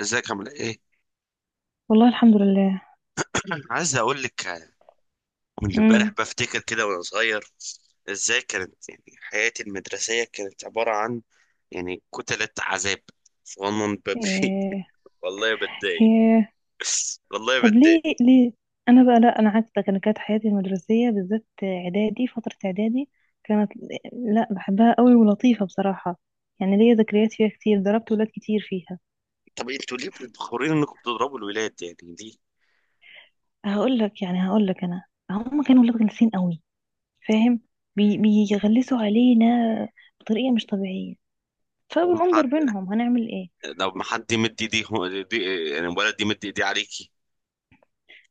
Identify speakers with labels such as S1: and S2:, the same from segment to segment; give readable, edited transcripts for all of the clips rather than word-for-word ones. S1: ازيك عامل ايه؟
S2: والله الحمد لله.
S1: عايز اقول لك، من امبارح
S2: امم.
S1: بفتكر كده وانا صغير ازاي كانت يعني حياتي المدرسية، كانت عبارة عن يعني كتلة عذاب. صغنن بمشي.
S2: إيه.
S1: والله بتضايق.
S2: إيه.
S1: والله
S2: طب
S1: بتضايق.
S2: ليه؟ انا بقى لا، انا عكسك. انا كانت حياتي المدرسيه، بالذات اعدادي، فتره اعدادي كانت، لا، بحبها قوي ولطيفه بصراحه. يعني ليا ذكريات فيها كتير. ضربت ولاد كتير فيها.
S1: طب انتوا ليه بتخورين انكم بتضربوا الولاد يعني ليه؟
S2: هقول لك انا، هم كانوا ولاد غلسين قوي، فاهم؟ بيغلسوا علينا بطريقه مش طبيعيه،
S1: لما
S2: فبنقوم
S1: حد،
S2: ضربينهم، هنعمل ايه؟
S1: لو ما حد يمد ايديه دي، يعني الولد يمد ايديه عليكي.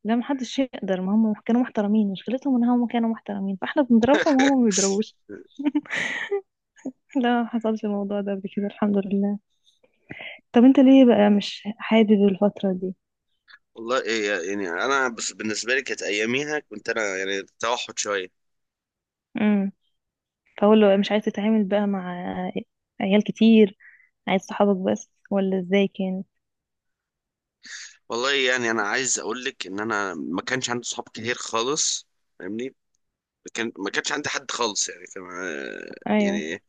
S2: لا محدش يقدر. ما هم كانوا محترمين، مشكلتهم ان هم كانوا محترمين، فاحنا بنضربهم وهم ما بيضربوش. لا حصلش الموضوع ده قبل كده الحمد لله. طب انت ليه بقى مش حابب الفترة دي؟
S1: والله إيه يعني، انا بس بالنسبه لي كانت اياميها، كنت انا يعني توحد شويه.
S2: امم. فاقول له مش عايز تتعامل بقى مع عيال كتير، عايز صحابك بس، ولا ازاي كان؟
S1: والله يعني انا عايز اقول لك ان انا ما كانش عندي صحاب كتير خالص. فاهمني. ما كانش عندي حد خالص يعني. كان
S2: ايوه.
S1: يعني،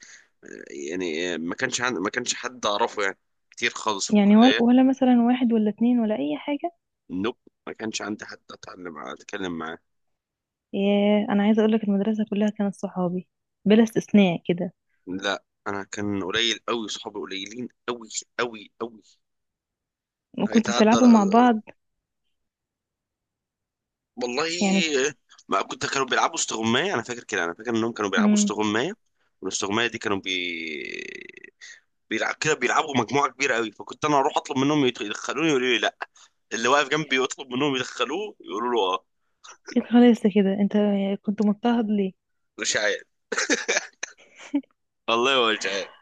S1: يعني ما كانش عندي، ما كانش حد اعرفه يعني، كتير خالص في
S2: يعني ولا,
S1: الكلية.
S2: ولا مثلا واحد ولا اتنين ولا اي حاجة؟
S1: نوب. ما كانش عندي حد اتعلم معاه اتكلم معاه.
S2: ياه، انا عايزة اقولك المدرسة كلها كانت صحابي، بلا استثناء كده.
S1: لا انا كان قليل قوي، صحابي قليلين قوي قوي قوي.
S2: وكنتوا
S1: هيتعدى
S2: بتلعبوا مع
S1: ال-
S2: بعض؟ يعني
S1: والله. ما كنت، كانوا بيلعبوا استغماية. انا فاكر كده، انا فاكر انهم كانوا بيلعبوا
S2: امم.
S1: استغماية. والاستغماية دي كانوا بي بيلعب كده، بيلعبوا مجموعه كبيره قوي. فكنت انا اروح اطلب منهم يدخلوني، يقولوا لي لا. اللي واقف جنبي يطلب منهم يدخلوه يقولوا له اه.
S2: خلاص، كده انت كنت مضطهد ليه؟
S1: مش عارف. والله مش عارف.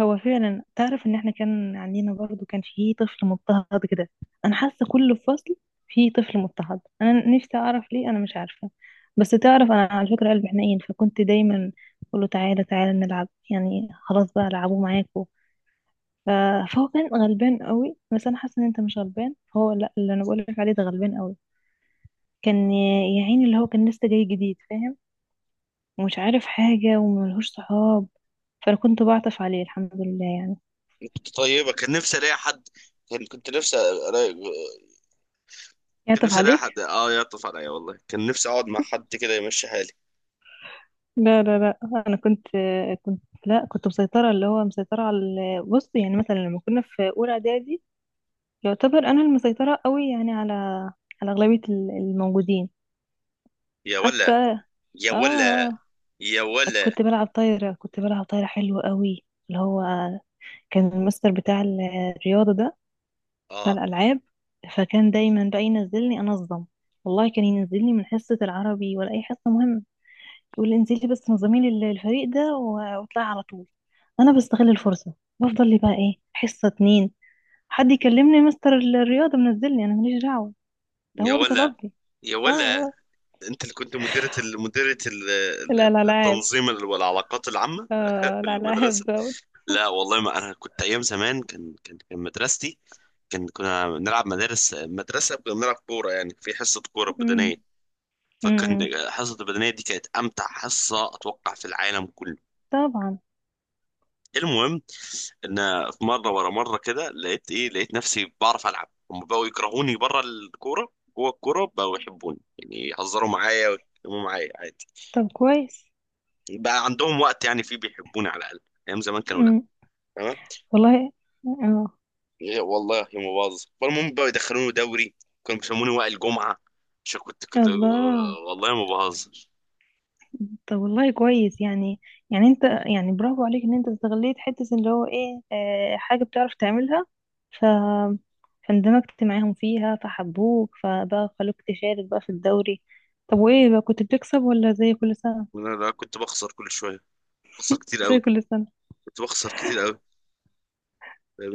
S2: هو فعلا تعرف ان احنا كان عندنا برضو كان فيه طفل مضطهد كده. انا حاسه كل فصل فيه طفل مضطهد. انا نفسي اعرف ليه، انا مش عارفه. بس تعرف، انا على فكره قلبي حنين، فكنت دايما اقول له تعالى تعالى نلعب، يعني خلاص بقى العبوا معاكوا. ف- فهو كان غلبان قوي. بس انا حاسه ان انت مش غلبان، فهو لا، اللي انا بقول لك عليه ده غلبان قوي. كان يا عيني اللي هو كان لسه جاي جديد، فاهم؟ ومش عارف حاجه وملهوش صحاب، فانا كنت بعطف عليه الحمد لله يعني.
S1: كنت طيبه، كان نفسي الاقي حد، كان كنت نفسي الاقي كان
S2: يعطف
S1: نفسي الاقي
S2: عليك.
S1: حد اه يعطف عليا. والله كان نفسي اقعد مع حد كده يمشي حالي.
S2: لا لا لا، انا كنت لا كنت مسيطره. اللي هو مسيطره على بص، يعني مثلا لما كنا في اولى اعدادي، يعتبر انا المسيطره قوي، يعني على اغلبيه الموجودين.
S1: يا
S2: حتى
S1: ولا. يا
S2: اه
S1: ولا.
S2: آه،
S1: يا ولا.
S2: كنت بلعب طايره حلوه قوي. اللي هو كان المستر بتاع الرياضه ده، بتاع
S1: اه.
S2: الالعاب. فكان دايما بقى ينزلني انظم. والله كان ينزلني من حصه العربي ولا اي حصه مهمه، يقول لي انزلي بس نظمي لي الفريق ده واطلعي على طول. انا بستغل الفرصه، بفضل لي بقى ايه، حصه اتنين. حد يكلمني؟ مستر الرياضه منزلني، انا ماليش دعوه، ده
S1: يا
S2: هو اللي
S1: ولا.
S2: طلبني.
S1: يا
S2: اه.
S1: ولا.
S2: اه.
S1: انت اللي كنت
S2: لا لا، العاب.
S1: التنظيم والعلاقات العامة
S2: اه
S1: في
S2: الالعاب
S1: المدرسة.
S2: دوت.
S1: لا والله ما انا كنت ايام زمان، كان مدرستي، كان كنا بنلعب مدارس مدرسة، كنا بنلعب كورة يعني في حصة كورة
S2: أمم،
S1: بدنية. فكان
S2: أمم.
S1: حصة البدنية دي كانت امتع حصة اتوقع في العالم كله.
S2: طبعا.
S1: المهم ان في مرة ورا مرة كده، لقيت ايه، لقيت نفسي بعرف العب، هم بقوا يكرهوني بره الكورة، جوه الكورة بقوا يحبوني، يعني يهزروا معايا ويتكلموا معايا عادي.
S2: طب كويس.
S1: بقى عندهم وقت يعني فيه بيحبوني على الاقل. ايام زمان كانوا لا.
S2: أمم،
S1: تمام.
S2: والله، اه،
S1: إيه والله يا مباظ، فالمهم بقى يدخلوني دوري. كانوا بيسموني وائل الجمعه عشان كنت
S2: الله.
S1: والله ما بهزر.
S2: طب والله كويس يعني. يعني انت، يعني، برافو عليك ان انت استغليت حتة اللي هو ايه اه حاجة بتعرف تعملها، ف فاندمجت معاهم فيها، فحبوك، فبقى خلوك تشارك بقى في الدوري. طب وايه بقى، كنت بتكسب ولا زي كل سنة؟
S1: انا لا، كنت بخسر كل شويه، بخسر كتير
S2: زي
S1: قوي.
S2: كل سنة.
S1: كنت بخسر كتير قوي،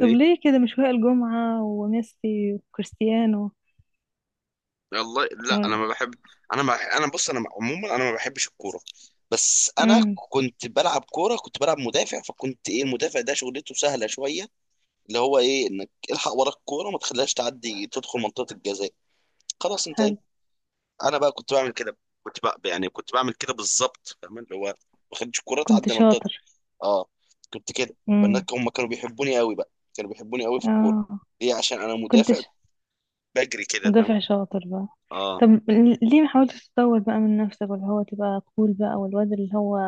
S2: طب ليه كده، مش وائل جمعة وميسي وكريستيانو؟
S1: والله لا انا
S2: ولا.
S1: ما بحب. انا، ما انا بص، انا عموما انا ما بحبش الكوره. بس انا
S2: امم.
S1: كنت بلعب كوره، كنت بلعب مدافع، فكنت ايه، المدافع ده شغلته سهله شويه. اللي هو ايه، انك الحق ورا الكوره، ما تخليهاش تعدي تدخل منطقه الجزاء. خلاص انت.
S2: حلو.
S1: انا بقى كنت بعمل كده. كنت بقى يعني كنت بعمل كده بالظبط فاهم، اللي هو ما بخدش الكوره
S2: كنت
S1: تعدي منطقتي.
S2: شاطر.
S1: اه. كنت كده. فالناس
S2: امم.
S1: هم كانوا بيحبوني قوي بقى، كانوا بيحبوني قوي في الكوره.
S2: اه.
S1: ليه؟ عشان انا
S2: كنت
S1: مدافع بجري كده فاهم.
S2: مدافع شاطر بقى.
S1: اه.
S2: طب ليه ما حاولتش تطور بقى من نفسك، ولا هو تبقى كول بقى والواد اللي هو،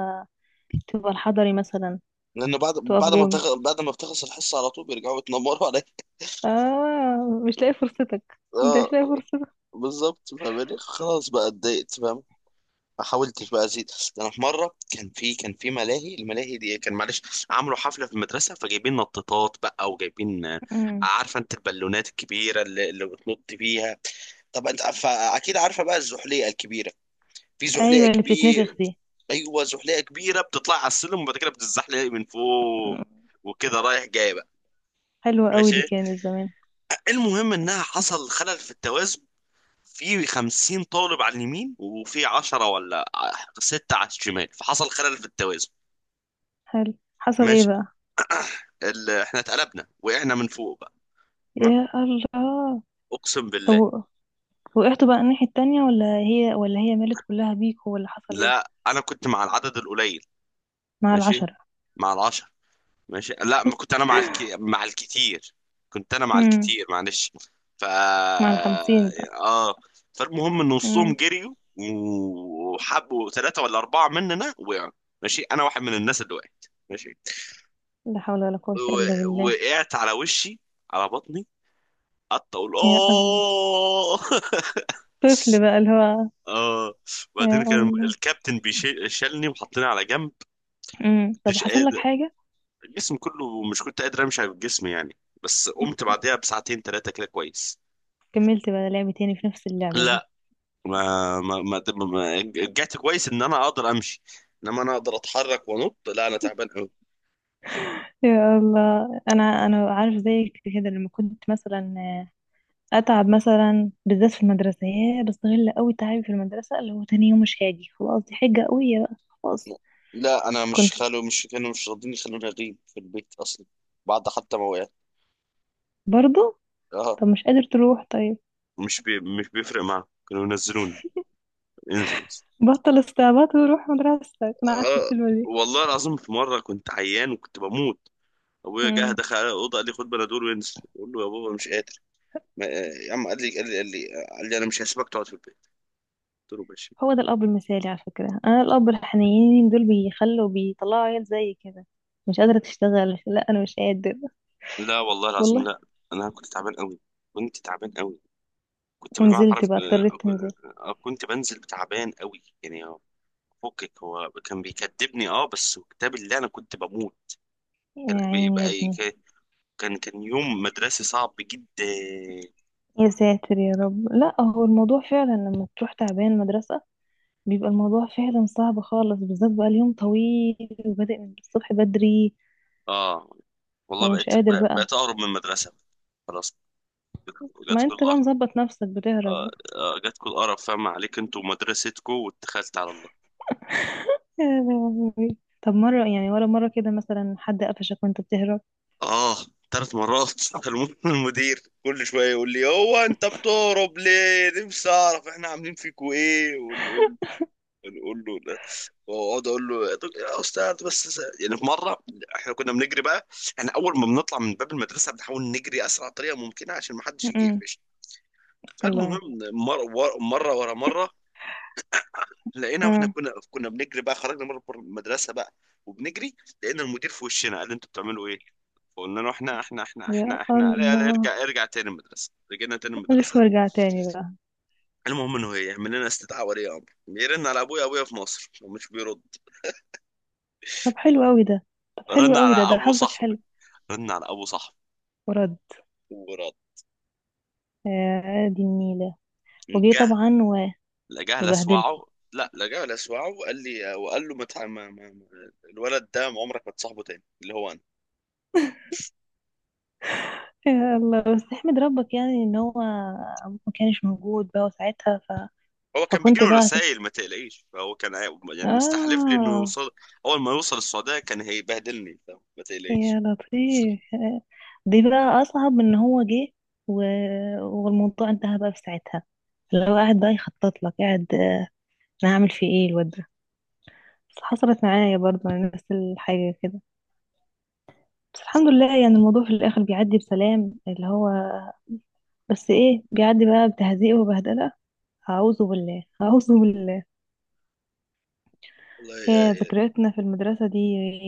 S2: تبقى الحضري مثلا.
S1: لانه بعد
S2: تقف
S1: بعد ما
S2: جون.
S1: بتخ... بعد ما بتخلص الحصه على طول بيرجعوا يتنمروا عليا.
S2: اه، مش لاقي فرصتك، انت
S1: اه
S2: مش لاقي فرصتك.
S1: بالظبط فاهمني. خلاص بقى اتضايقت فاهم. ما حاولتش بقى ازيد. ده انا في مره كان في، كان في ملاهي، الملاهي دي كان معلش، عملوا حفله في المدرسه، فجايبين نطاطات بقى وجايبين
S2: امم.
S1: عارفه انت البالونات الكبيره اللي بتنط بيها. طب انت اكيد عارفه بقى الزحليقه الكبيره. في زحليقه
S2: ايوه اللي بتتنفخ
S1: كبير.
S2: دي.
S1: ايوه، زحليقه كبيره بتطلع على السلم وبعد كده بتزحلق من فوق.
S2: مم.
S1: وكده رايح جاي بقى.
S2: حلوة قوي
S1: ماشي.
S2: دي كانت زمان.
S1: المهم انها حصل خلل في التوازن. في 50 طالب على اليمين، وفي 10 ولا ستة على الشمال، فحصل خلل في التوازن.
S2: حلو. حصل ايه
S1: ماشي.
S2: بقى؟
S1: احنا اتقلبنا وقعنا من فوق بقى. تمام.
S2: يا الله.
S1: اقسم
S2: طب
S1: بالله.
S2: وقعتوا بقى الناحية التانية، ولا هي مالت كلها بيك، ولا حصل ايه؟
S1: لا انا كنت مع العدد القليل.
S2: مع
S1: ماشي.
S2: العشرة.
S1: مع العشر. ماشي. لا، ما كنت انا مع مع الكتير. كنت انا مع
S2: امم.
S1: الكتير معلش. ف،
S2: مع الخمسين بقى.
S1: اه. فالمهم ان نصهم
S2: امم.
S1: جريوا وحبوا ثلاثة ولا أربعة مننا وقعوا. ماشي. أنا واحد من الناس اللي وقعت. ماشي.
S2: لا حول ولا قوة إلا بالله.
S1: وقعت على وشي، على بطني، قعدت أقول
S2: يا الله.
S1: آه.
S2: طفل بقى اللي هو.
S1: اه.
S2: يا
S1: وبعدين كان
S2: الله.
S1: الكابتن بيشيلني وحطني على جنب.
S2: امم، طب
S1: مش
S2: حصل لك
S1: قادر.
S2: حاجة؟
S1: الجسم كله، مش كنت قادر امشي على الجسم يعني. بس قمت بعدها بساعتين ثلاثه كده كويس.
S2: كملت بقى لعب تاني في نفس اللعبة دي؟
S1: لا. ما رجعت كويس ان انا اقدر امشي. انما انا اقدر اتحرك وانط. لا انا تعبان قوي.
S2: يا الله. انا عارف زيك كده. لما كنت مثلا اتعب مثلا بالذات في المدرسه، يا بستغل قوي تعبي في المدرسه، اللي هو تاني يوم مش هاجي، خلاص دي حجه قويه بقى. خلاص.
S1: لا انا مش
S2: كنت
S1: خلو، مش كانوا مش راضين يخلوني اغيب في البيت اصلا، بعد حتى ما وقعت.
S2: برضو.
S1: اه.
S2: طب مش قادر تروح طيب.
S1: مش بي، مش بيفرق معاهم، كانوا ينزلوني. انزل.
S2: بطل استعباط وروح مدرستك، انا عارفه
S1: آه.
S2: الكلمه
S1: والله العظيم في مرة كنت عيان وكنت بموت.
S2: دي.
S1: ابويا جه دخل على الاوضه، قال لي خد بنادول وانزل. بقول له يا بابا مش قادر. ما... يا عم، قال لي انا مش هسيبك تقعد في البيت. قلت له ماشي.
S2: هو ده الأب المثالي على فكرة. أنا الأب الحنينين دول بيخلوا بيطلعوا عيال زي كده. مش قادرة تشتغل، لا أنا مش قادر.
S1: لا والله العظيم
S2: والله.
S1: لا. انا كنت تعبان قوي، كنت تعبان قوي، كنت بالمعنى
S2: ونزلت
S1: حرف.
S2: بقى، اضطريت تنزل؟
S1: كنت بنزل تعبان قوي يعني. فكك هو كان بيكدبني، اه بس كتاب اللي انا كنت بموت. كان
S2: يا عيني
S1: بيبقى
S2: يا ابني.
S1: كان، كان يوم مدرسي صعب جدا.
S2: يا ساتر يا رب. لا، هو الموضوع فعلا لما تروح تعبان مدرسة، بيبقى الموضوع فعلا صعب خالص، بالذات بقى اليوم طويل وبادئ من الصبح بدري.
S1: اه. والله
S2: ومش
S1: بقيت
S2: قادر بقى.
S1: بقيت اقرب من المدرسه. خلاص. جت
S2: ما
S1: كل
S2: انت بقى مظبط نفسك بتهرب.
S1: جاتكوا القرف فاهم عليك انتوا ومدرستكوا واتخلت على الله.
S2: يا لهوي. طب مرة، يعني ولا مرة كده مثلا حد قفشك وانت بتهرب؟
S1: اه. ثلاث مرات. المدير كل شويه يقول لي، هو انت بتهرب ليه، نفسي اعرف احنا عاملين فيكوا ايه، ونقول نقول له لا. واقعد اقول له يا يا استاذ بس يعني في مره، احنا كنا بنجري بقى، احنا اول ما بنطلع من باب المدرسه بنحاول نجري اسرع طريقه ممكنه عشان ما حدش يجي
S2: م-م.
S1: يقفش. فالمهم،
S2: الله.
S1: مره ورا مره لقينا، واحنا
S2: آه.
S1: كنا بنجري بقى، خرجنا مره بره المدرسه بقى، وبنجري، لقينا المدير في وشنا. قال لي انتوا بتعملوا ايه؟ فقلنا له احنا احنا احنا
S2: يا
S1: احنا احنا لا لا،
S2: الله.
S1: ارجع ارجع تاني المدرسه، رجعنا تاني
S2: ألف
S1: المدرسه.
S2: وارجع تاني بقى.
S1: المهم انه هي يعمل لنا استدعاء ولي امر، يرن على ابويا، ابويا في مصر ومش بيرد.
S2: طب حلو قوي ده. طب حلو
S1: رن
S2: قوي
S1: على
S2: ده، ده
S1: ابو
S2: حظك حلو.
S1: صاحبي. رن على ابو صاحبي.
S2: ورد.
S1: ورد.
S2: يا دي النيلة. وجي
S1: جه
S2: طبعا
S1: لجاه
S2: وبهدلكوا.
S1: لسوعه. لا، لجاه لسوعه، وقال لي وقال له ما تع- ما- ما- ما- الولد ده عمرك ما تصاحبه تاني. اللي هو،
S2: يا الله، بس احمد ربك يعني ان هو ابوك ما كانش موجود بقى وساعتها.
S1: هو كان
S2: فكنت
S1: بيجيله
S2: بقى
S1: رسائل ما تقلقيش، فهو كان يعني مستحلف لي انه
S2: اه.
S1: يوصل، اول ما يوصل السعوديه كان هيبهدلني فما تقلقيش.
S2: يا لطيف. دي بقى اصعب من ان هو جه. و... والموضوع انتهى بقى في ساعتها. لو قاعد بقى يخطط لك، قاعد انا هعمل فيه ايه الواد ده. بس حصلت معايا برضه نفس الحاجة كده. بس الحمد لله يعني الموضوع في الآخر بيعدي بسلام، اللي هو، بس ايه، بيعدي بقى بتهزيق وبهدلة. أعوذ بالله، أعوذ بالله.
S1: والله
S2: هي ذكرياتنا في المدرسة دي،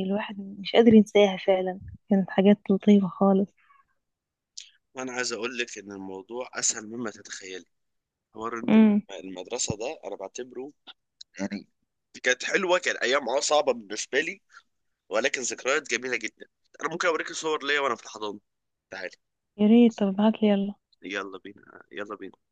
S2: الواحد مش قادر ينساها فعلا. كانت حاجات لطيفة خالص.
S1: وانا عايز اقول لك ان الموضوع اسهل مما تتخيلي. حوار ان
S2: امم.
S1: المدرسه ده، انا بعتبره يعني كانت حلوه، كان ايام اه صعبه بالنسبه لي، ولكن ذكريات جميله جدا. انا ممكن اوريك صور ليا وانا في الحضانه. تعالي.
S2: يا ريت، طب ابعتلي يلا.
S1: يلا بينا، يلا بينا.